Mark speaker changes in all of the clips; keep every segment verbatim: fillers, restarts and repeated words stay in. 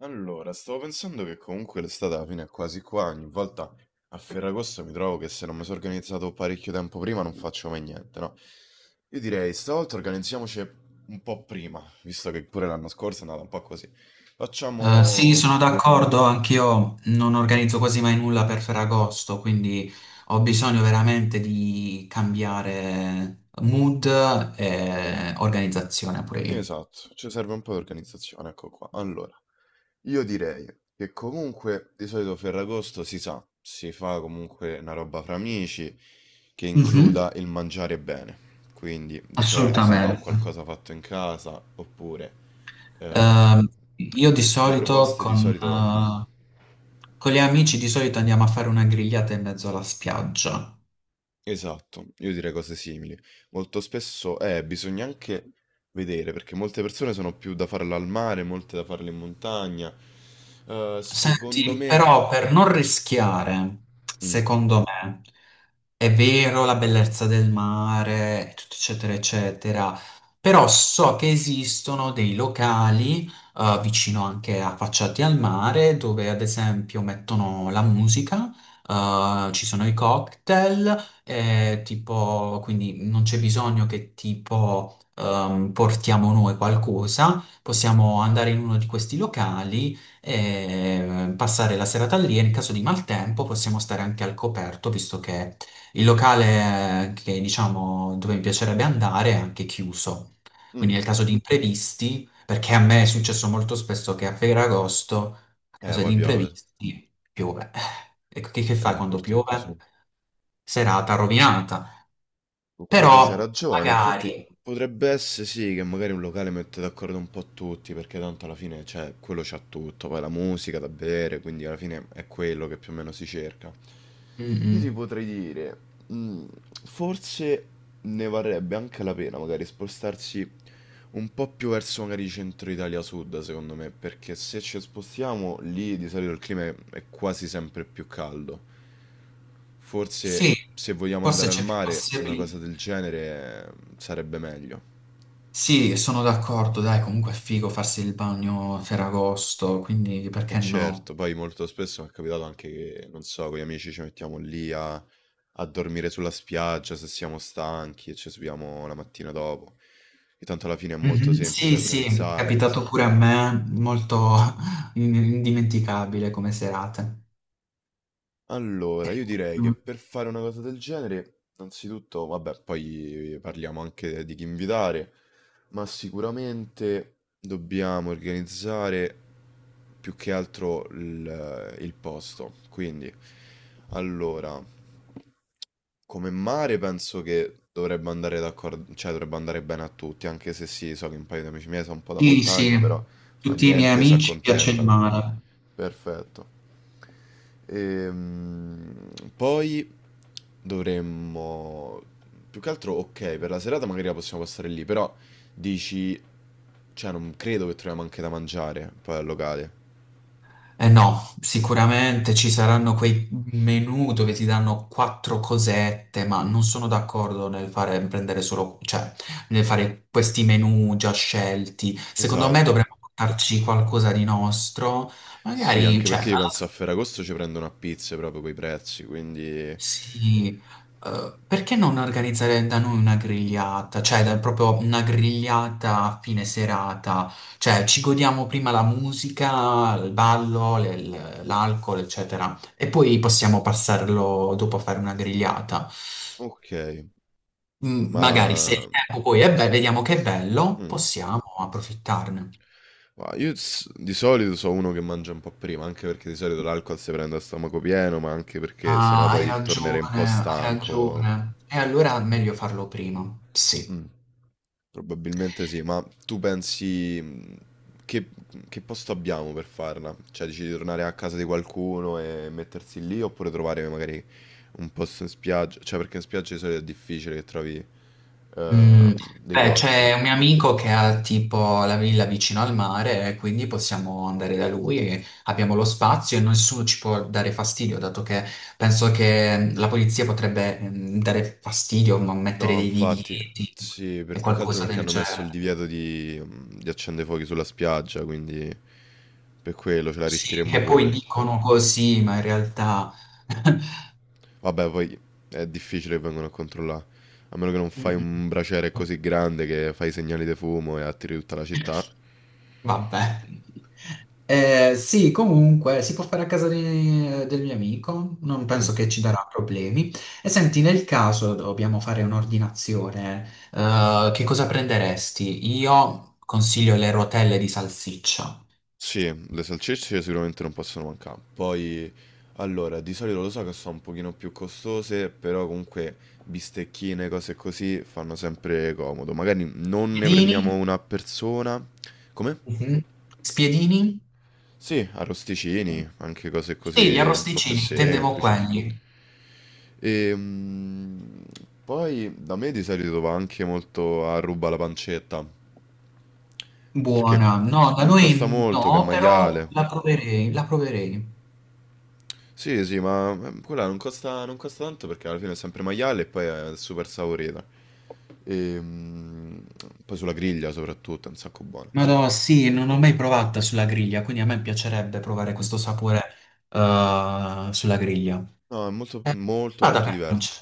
Speaker 1: Allora, stavo pensando che comunque l'estate alla fine è quasi qua, ogni volta a Ferragosto mi trovo che se non mi sono organizzato parecchio tempo prima non faccio mai niente, no? Io direi, stavolta organizziamoci un po' prima, visto che pure l'anno scorso è andata un po' così.
Speaker 2: Eh, sì, sono
Speaker 1: Facciamo.
Speaker 2: d'accordo, anch'io non organizzo quasi mai nulla per Ferragosto, quindi ho bisogno veramente di cambiare mood e organizzazione pure io.
Speaker 1: Esatto, ci serve un po' di organizzazione, ecco qua. Allora, io direi che comunque di solito Ferragosto si sa, si fa comunque una roba fra amici che
Speaker 2: Mhm,
Speaker 1: includa il mangiare bene. Quindi di solito si fa un
Speaker 2: assolutamente.
Speaker 1: qualcosa fatto in casa oppure ehm,
Speaker 2: Ehm, io di
Speaker 1: le
Speaker 2: solito
Speaker 1: proposte di
Speaker 2: con,
Speaker 1: solito. Mm.
Speaker 2: eh, con gli amici di solito andiamo a fare una grigliata in mezzo alla spiaggia.
Speaker 1: Esatto, io direi cose simili. Molto spesso eh, bisogna anche vedere, perché molte persone sono più da farla al mare, molte da farle in montagna. Eh, secondo
Speaker 2: Senti,
Speaker 1: me.
Speaker 2: però per non rischiare,
Speaker 1: Mm.
Speaker 2: secondo me. È vero la bellezza del mare, tutto eccetera, eccetera, però so che esistono dei locali eh, vicino anche affacciati al mare dove ad esempio mettono la musica, eh, ci sono i cocktail, eh, tipo, quindi non c'è bisogno che tipo ehm, portiamo noi qualcosa, possiamo andare in uno di questi locali e eh, passare la serata lì e in caso di maltempo possiamo stare anche al coperto visto che il locale eh, che diciamo dove mi piacerebbe andare è anche chiuso, quindi
Speaker 1: Mm.
Speaker 2: nel caso di imprevisti, perché a me è successo molto spesso che a Ferragosto, a
Speaker 1: Eh,
Speaker 2: causa di
Speaker 1: poi piove.
Speaker 2: imprevisti, piove. E che, che fai
Speaker 1: Eh,
Speaker 2: quando
Speaker 1: purtroppo
Speaker 2: piove?
Speaker 1: sì.
Speaker 2: Serata rovinata.
Speaker 1: Con quello c'ha
Speaker 2: Però
Speaker 1: ragione, infatti
Speaker 2: magari,
Speaker 1: potrebbe essere sì che magari un locale mette d'accordo un po' tutti, perché tanto alla fine cioè, quello c'ha tutto, poi la musica da bere, quindi alla fine è quello che più o meno si cerca.
Speaker 2: mm,
Speaker 1: Io ti
Speaker 2: mm,
Speaker 1: potrei dire, mm, forse ne varrebbe anche la pena magari spostarsi un po' più verso magari centro Italia sud, secondo me, perché se ci spostiamo lì di solito il clima è è quasi sempre più caldo. Forse
Speaker 2: sì,
Speaker 1: se vogliamo
Speaker 2: forse
Speaker 1: andare al
Speaker 2: c'è più
Speaker 1: mare, una cosa
Speaker 2: possibilità.
Speaker 1: del genere eh, sarebbe meglio.
Speaker 2: Sì, sono d'accordo, dai, comunque è figo farsi il bagno a Ferragosto, quindi
Speaker 1: E
Speaker 2: perché no?
Speaker 1: certo, poi molto spesso mi è capitato anche che, non so, con gli amici ci mettiamo lì a, a dormire sulla spiaggia se siamo stanchi e ci subiamo la mattina dopo. E tanto alla fine è molto
Speaker 2: Mhm.
Speaker 1: semplice
Speaker 2: Sì, sì, è
Speaker 1: organizzare.
Speaker 2: capitato pure a me, molto in- indimenticabile come serate.
Speaker 1: Allora, io direi che
Speaker 2: Mm.
Speaker 1: per fare una cosa del genere, innanzitutto, vabbè, poi parliamo anche di chi invitare, ma sicuramente dobbiamo organizzare più che altro il, il posto. Quindi, allora, come mare penso che dovrebbe andare d'accordo, cioè dovrebbe andare bene a tutti, anche se sì, so che un paio di amici miei sono un po' da
Speaker 2: Sì,
Speaker 1: montagna,
Speaker 2: sì,
Speaker 1: però fa
Speaker 2: tutti i miei
Speaker 1: niente, si
Speaker 2: amici piace il
Speaker 1: accontentano.
Speaker 2: mare.
Speaker 1: Perfetto. Ehm, Poi dovremmo. Più che altro, ok, per la serata magari la possiamo passare lì, però dici. Cioè, non credo che troviamo anche da mangiare poi al locale.
Speaker 2: Eh no, sicuramente ci saranno quei menù dove ti danno quattro cosette, ma non sono d'accordo nel fare, prendere solo, cioè, nel fare questi menù già scelti. Secondo me
Speaker 1: Esatto.
Speaker 2: dovremmo portarci qualcosa di nostro,
Speaker 1: Sì,
Speaker 2: magari,
Speaker 1: anche
Speaker 2: cioè,
Speaker 1: perché io
Speaker 2: alla-
Speaker 1: penso a Ferragosto ci prendono a pizze proprio quei prezzi, quindi.
Speaker 2: sì, eh, perché non organizzare da noi una grigliata? Cioè, da- proprio una grigliata a fine serata. Cioè, ci godiamo prima la musica, il ballo, le- l- l'alcol, eccetera. E poi possiamo passarlo dopo a fare una grigliata.
Speaker 1: Ok,
Speaker 2: Mm, magari se
Speaker 1: ma.
Speaker 2: il tempo poi è bello, vediamo che è bello,
Speaker 1: Mm.
Speaker 2: possiamo approfittarne.
Speaker 1: Ma io s- di solito so uno che mangia un po' prima, anche perché di solito l'alcol si prende a stomaco pieno, ma anche perché sennò
Speaker 2: Ah, hai
Speaker 1: poi tornerei un po'
Speaker 2: ragione, hai
Speaker 1: stanco.
Speaker 2: ragione. E allora è meglio farlo prima. Sì.
Speaker 1: Mh, Probabilmente sì, ma tu pensi, mhmm, che che posto abbiamo per farla? Cioè dici di tornare a casa di qualcuno e mettersi lì, oppure trovare magari un posto in spiaggia? Cioè perché in spiaggia di solito è difficile che trovi, ehm,
Speaker 2: Mm,
Speaker 1: dei
Speaker 2: beh,
Speaker 1: posti.
Speaker 2: c'è un mio amico che ha tipo la villa vicino al mare, eh, quindi possiamo andare da lui, e abbiamo lo spazio e nessuno ci può dare fastidio, dato che penso che la polizia potrebbe mm, dare fastidio, ma mettere
Speaker 1: No,
Speaker 2: dei
Speaker 1: infatti,
Speaker 2: divieti
Speaker 1: sì,
Speaker 2: e
Speaker 1: per più che altro
Speaker 2: qualcosa
Speaker 1: perché
Speaker 2: del
Speaker 1: hanno messo il
Speaker 2: genere.
Speaker 1: divieto di mhmm, di accendefuochi sulla spiaggia, quindi per quello ce la
Speaker 2: Sì,
Speaker 1: rischieremmo
Speaker 2: che poi
Speaker 1: pure.
Speaker 2: dicono così, ma in realtà...
Speaker 1: Vabbè, poi è difficile che vengano a controllare. A meno che non
Speaker 2: Mm,
Speaker 1: fai un
Speaker 2: mm.
Speaker 1: braciere così grande che fai segnali di fumo e attiri tutta la città.
Speaker 2: Vabbè. Eh, sì, comunque si può fare a casa di- del mio amico, non
Speaker 1: Mm.
Speaker 2: penso che ci darà problemi. E senti, nel caso dobbiamo fare un'ordinazione, eh, che cosa prenderesti? Io consiglio le rotelle di salsiccia.
Speaker 1: Sì, le salsicce sicuramente non possono mancare. Poi, allora, di solito lo so che sono un pochino più costose, però comunque bistecchine, cose così, fanno sempre comodo. Magari non ne prendiamo
Speaker 2: Spiedini?
Speaker 1: una a persona. Come?
Speaker 2: Mhm. Spiedini?
Speaker 1: Sì, arrosticini, anche cose
Speaker 2: Sì, gli
Speaker 1: così un po' più
Speaker 2: arrosticini, intendevo
Speaker 1: semplici.
Speaker 2: quelli.
Speaker 1: E, mm, Poi da me di solito va anche molto a ruba la pancetta, perché
Speaker 2: Buona.
Speaker 1: mm,
Speaker 2: No, da
Speaker 1: non costa
Speaker 2: noi
Speaker 1: molto che è
Speaker 2: no, però
Speaker 1: maiale.
Speaker 2: la proverei, la proverei.
Speaker 1: Sì, sì, ma eh, quella non costa, non costa tanto perché alla fine è sempre maiale e poi è super saporita. E, mm, Poi sulla griglia soprattutto è un sacco buona.
Speaker 2: Madò, sì, non l'ho mai provata sulla griglia, quindi a me piacerebbe provare
Speaker 1: Mm.
Speaker 2: questo sapore eh, sulla griglia.
Speaker 1: No, è molto,
Speaker 2: Eh,
Speaker 1: molto,
Speaker 2: vada
Speaker 1: molto
Speaker 2: per
Speaker 1: diverso.
Speaker 2: pancia.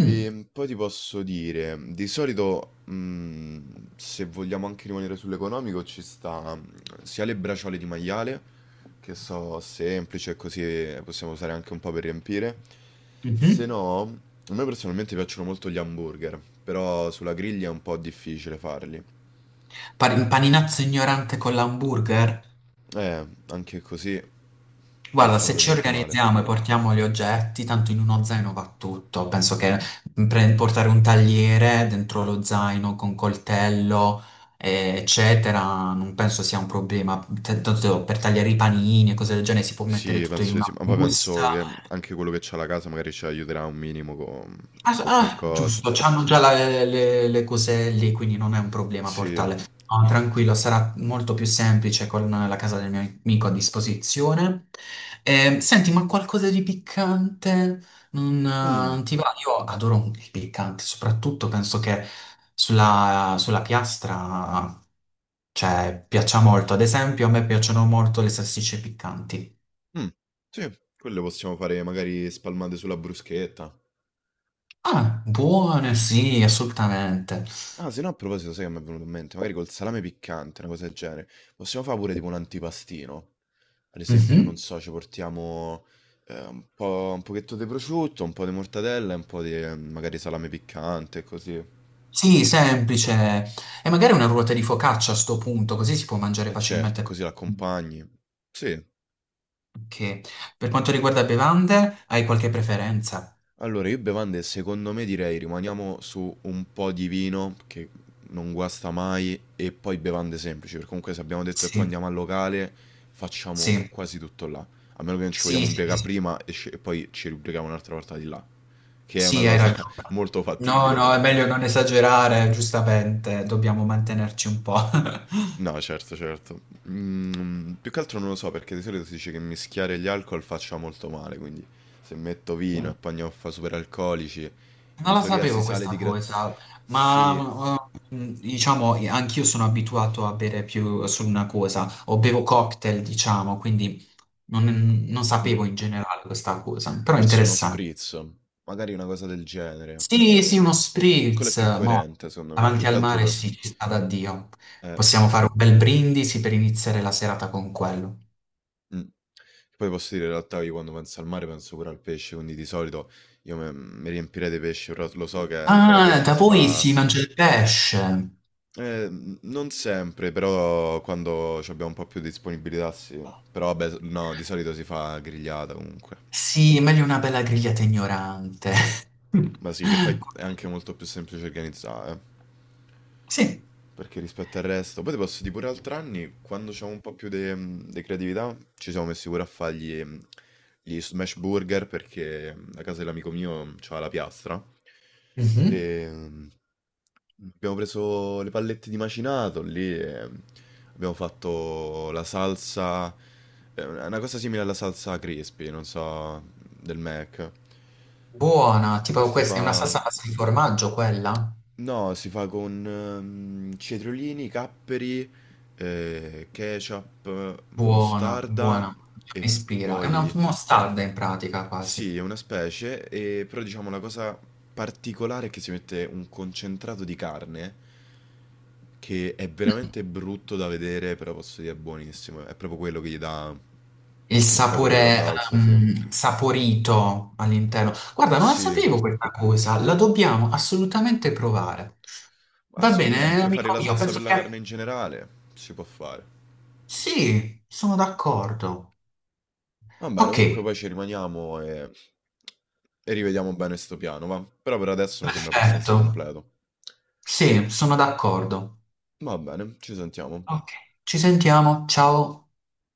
Speaker 2: Mm,
Speaker 1: E poi ti posso dire, di solito, mh, se vogliamo anche rimanere sull'economico, ci sta mh, sia le bracciole di maiale, che so semplice, così possiamo usare anche un po' per riempire. Se
Speaker 2: mhm.
Speaker 1: no, a me personalmente piacciono molto gli hamburger, però sulla griglia è un po' difficile farli.
Speaker 2: Pa- un paninazzo ignorante con l'hamburger?
Speaker 1: Eh, anche così non
Speaker 2: Guarda,
Speaker 1: sono
Speaker 2: se
Speaker 1: per
Speaker 2: ci
Speaker 1: niente male.
Speaker 2: organizziamo e portiamo gli oggetti, tanto in uno zaino va tutto. Penso che mm, pre- portare un tagliere dentro lo zaino con coltello, eh, eccetera, non penso sia un problema. T- Tanto per tagliare i panini e cose del genere si può mettere
Speaker 1: Sì,
Speaker 2: tutto in
Speaker 1: penso di sì,
Speaker 2: una
Speaker 1: ma poi
Speaker 2: busta.
Speaker 1: penso che anche quello che c'ha la casa magari ci aiuterà un minimo con,
Speaker 2: Ah, s-
Speaker 1: con
Speaker 2: ah,
Speaker 1: qualcosa.
Speaker 2: giusto, c'hanno già la- le, le- le cose lì, quindi non è un problema
Speaker 1: Sì.
Speaker 2: portale. No, tranquillo, sarà molto più semplice con la casa del mio amico a disposizione. Ehm, senti, ma qualcosa di piccante non, eh,
Speaker 1: Mm.
Speaker 2: non ti va? Io adoro un- il piccante, soprattutto penso che sulla, sulla piastra, cioè, piaccia molto. Ad esempio, a me piacciono molto le salsicce piccanti.
Speaker 1: Mh, sì, quelle possiamo fare magari spalmate sulla bruschetta.
Speaker 2: Ah, buone, sì, assolutamente.
Speaker 1: Ah, se no a proposito sai che m'è venuto in mente? Magari col salame piccante, una cosa del genere. Possiamo fa' pure tipo un antipastino? Ad esempio, non
Speaker 2: Mhm.
Speaker 1: so, ci portiamo, ehm, un po' un pochetto di prosciutto, un po' di mortadella e un po' di, ehm, magari salame piccante, così.
Speaker 2: Sì, semplice. E magari una ruota di focaccia a sto punto, così si può mangiare
Speaker 1: Eh
Speaker 2: facilmente.
Speaker 1: certo,
Speaker 2: Con-
Speaker 1: così l'accompagni. Sì.
Speaker 2: Ok. Per quanto riguarda bevande, hai qualche preferenza?
Speaker 1: Allora, io bevande secondo me direi rimaniamo su un po' di vino che non guasta mai e poi bevande semplici, perché comunque se abbiamo detto che poi
Speaker 2: Sì,
Speaker 1: andiamo al locale facciamo
Speaker 2: sì,
Speaker 1: quasi tutto là, a meno che non ci
Speaker 2: sì,
Speaker 1: vogliamo
Speaker 2: sì,
Speaker 1: ubriacare
Speaker 2: sì,
Speaker 1: prima e, sce- e poi ci ubriachiamo un'altra volta di là, che è una
Speaker 2: sì, hai
Speaker 1: cosa
Speaker 2: ragione.
Speaker 1: molto
Speaker 2: No,
Speaker 1: fattibile
Speaker 2: no, è
Speaker 1: comunque.
Speaker 2: meglio non esagerare, giustamente, dobbiamo mantenerci un po'.
Speaker 1: No, certo, certo. Mm, più che altro non lo so perché di solito si dice che mischiare gli alcol faccia molto male, quindi se metto vino e pagnotta superalcolici,
Speaker 2: Non
Speaker 1: in
Speaker 2: la
Speaker 1: teoria si
Speaker 2: sapevo
Speaker 1: sale di
Speaker 2: questa
Speaker 1: gra.
Speaker 2: cosa,
Speaker 1: Sì,
Speaker 2: ma eh, diciamo, anch'io sono abituato a bere più solo una cosa, o bevo cocktail, diciamo, quindi non, non
Speaker 1: mm,
Speaker 2: sapevo in generale questa cosa, però è
Speaker 1: forse uno
Speaker 2: interessante.
Speaker 1: spritz, magari una cosa del genere.
Speaker 2: Sì, sì, uno
Speaker 1: Quello è
Speaker 2: spritz,
Speaker 1: più
Speaker 2: mo,
Speaker 1: coerente, secondo me,
Speaker 2: davanti
Speaker 1: più che
Speaker 2: al
Speaker 1: altro
Speaker 2: mare
Speaker 1: per.
Speaker 2: sì, ci sta da Dio.
Speaker 1: eh,
Speaker 2: Possiamo fare un bel brindisi per iniziare la serata con quello.
Speaker 1: mm. Poi posso dire in realtà io quando penso al mare penso pure al pesce, quindi di solito io me- mi riempirei di pesce, però lo so che a
Speaker 2: Ah,
Speaker 1: Ferragosto
Speaker 2: da
Speaker 1: si
Speaker 2: voi
Speaker 1: fa.
Speaker 2: si mangia il pesce.
Speaker 1: Eh, n- non sempre, però quando ci abbiamo un po' più di disponibilità sì. Però vabbè, s- no, di solito si fa grigliata comunque.
Speaker 2: Sì, meglio una bella grigliata ignorante.
Speaker 1: Ma sì, che poi è anche molto più semplice organizzare, eh,
Speaker 2: Sì.
Speaker 1: perché rispetto al resto. Poi ti posso dire pure altri anni, quando c'è un po' più di creatività, ci siamo messi pure a fargli gli gli smash burger, perché a casa dell'amico mio c'ha la piastra.
Speaker 2: Mhm.
Speaker 1: Ehm, Abbiamo preso le pallette di macinato lì e abbiamo fatto la salsa, eh, una cosa simile alla salsa crispy, non so, del Mac,
Speaker 2: Buona,
Speaker 1: che
Speaker 2: tipo
Speaker 1: si
Speaker 2: questa è una
Speaker 1: fa.
Speaker 2: salsa a base di formaggio quella?
Speaker 1: No, si fa con ehm, cetriolini, capperi, eh, ketchup,
Speaker 2: Buona,
Speaker 1: mostarda
Speaker 2: buona, mi
Speaker 1: e
Speaker 2: ispira. È una
Speaker 1: poi.
Speaker 2: mostarda in pratica
Speaker 1: Sì,
Speaker 2: quasi.
Speaker 1: è una specie, e- però diciamo la cosa particolare è che si mette un concentrato di carne che è veramente brutto da vedere, però posso dire è buonissimo. È proprio quello che gli dà
Speaker 2: Il
Speaker 1: il sapore della
Speaker 2: sapore
Speaker 1: salsa, sì.
Speaker 2: ehm, saporito all'interno. Guarda, non la
Speaker 1: Sì,
Speaker 2: sapevo questa cosa, la dobbiamo assolutamente provare.
Speaker 1: ma
Speaker 2: Va
Speaker 1: secondo me
Speaker 2: bene,
Speaker 1: anche fare
Speaker 2: amico
Speaker 1: la
Speaker 2: mio,
Speaker 1: salsa
Speaker 2: penso
Speaker 1: per la
Speaker 2: che
Speaker 1: carne in generale si può fare.
Speaker 2: sì, sono d'accordo.
Speaker 1: Va bene,
Speaker 2: Ok,
Speaker 1: comunque poi ci rimaniamo e, e rivediamo bene sto piano, va. Però per adesso mi sembra abbastanza
Speaker 2: perfetto.
Speaker 1: completo.
Speaker 2: Sì, sono d'accordo.
Speaker 1: Va bene, ci sentiamo.
Speaker 2: Ci sentiamo, ciao.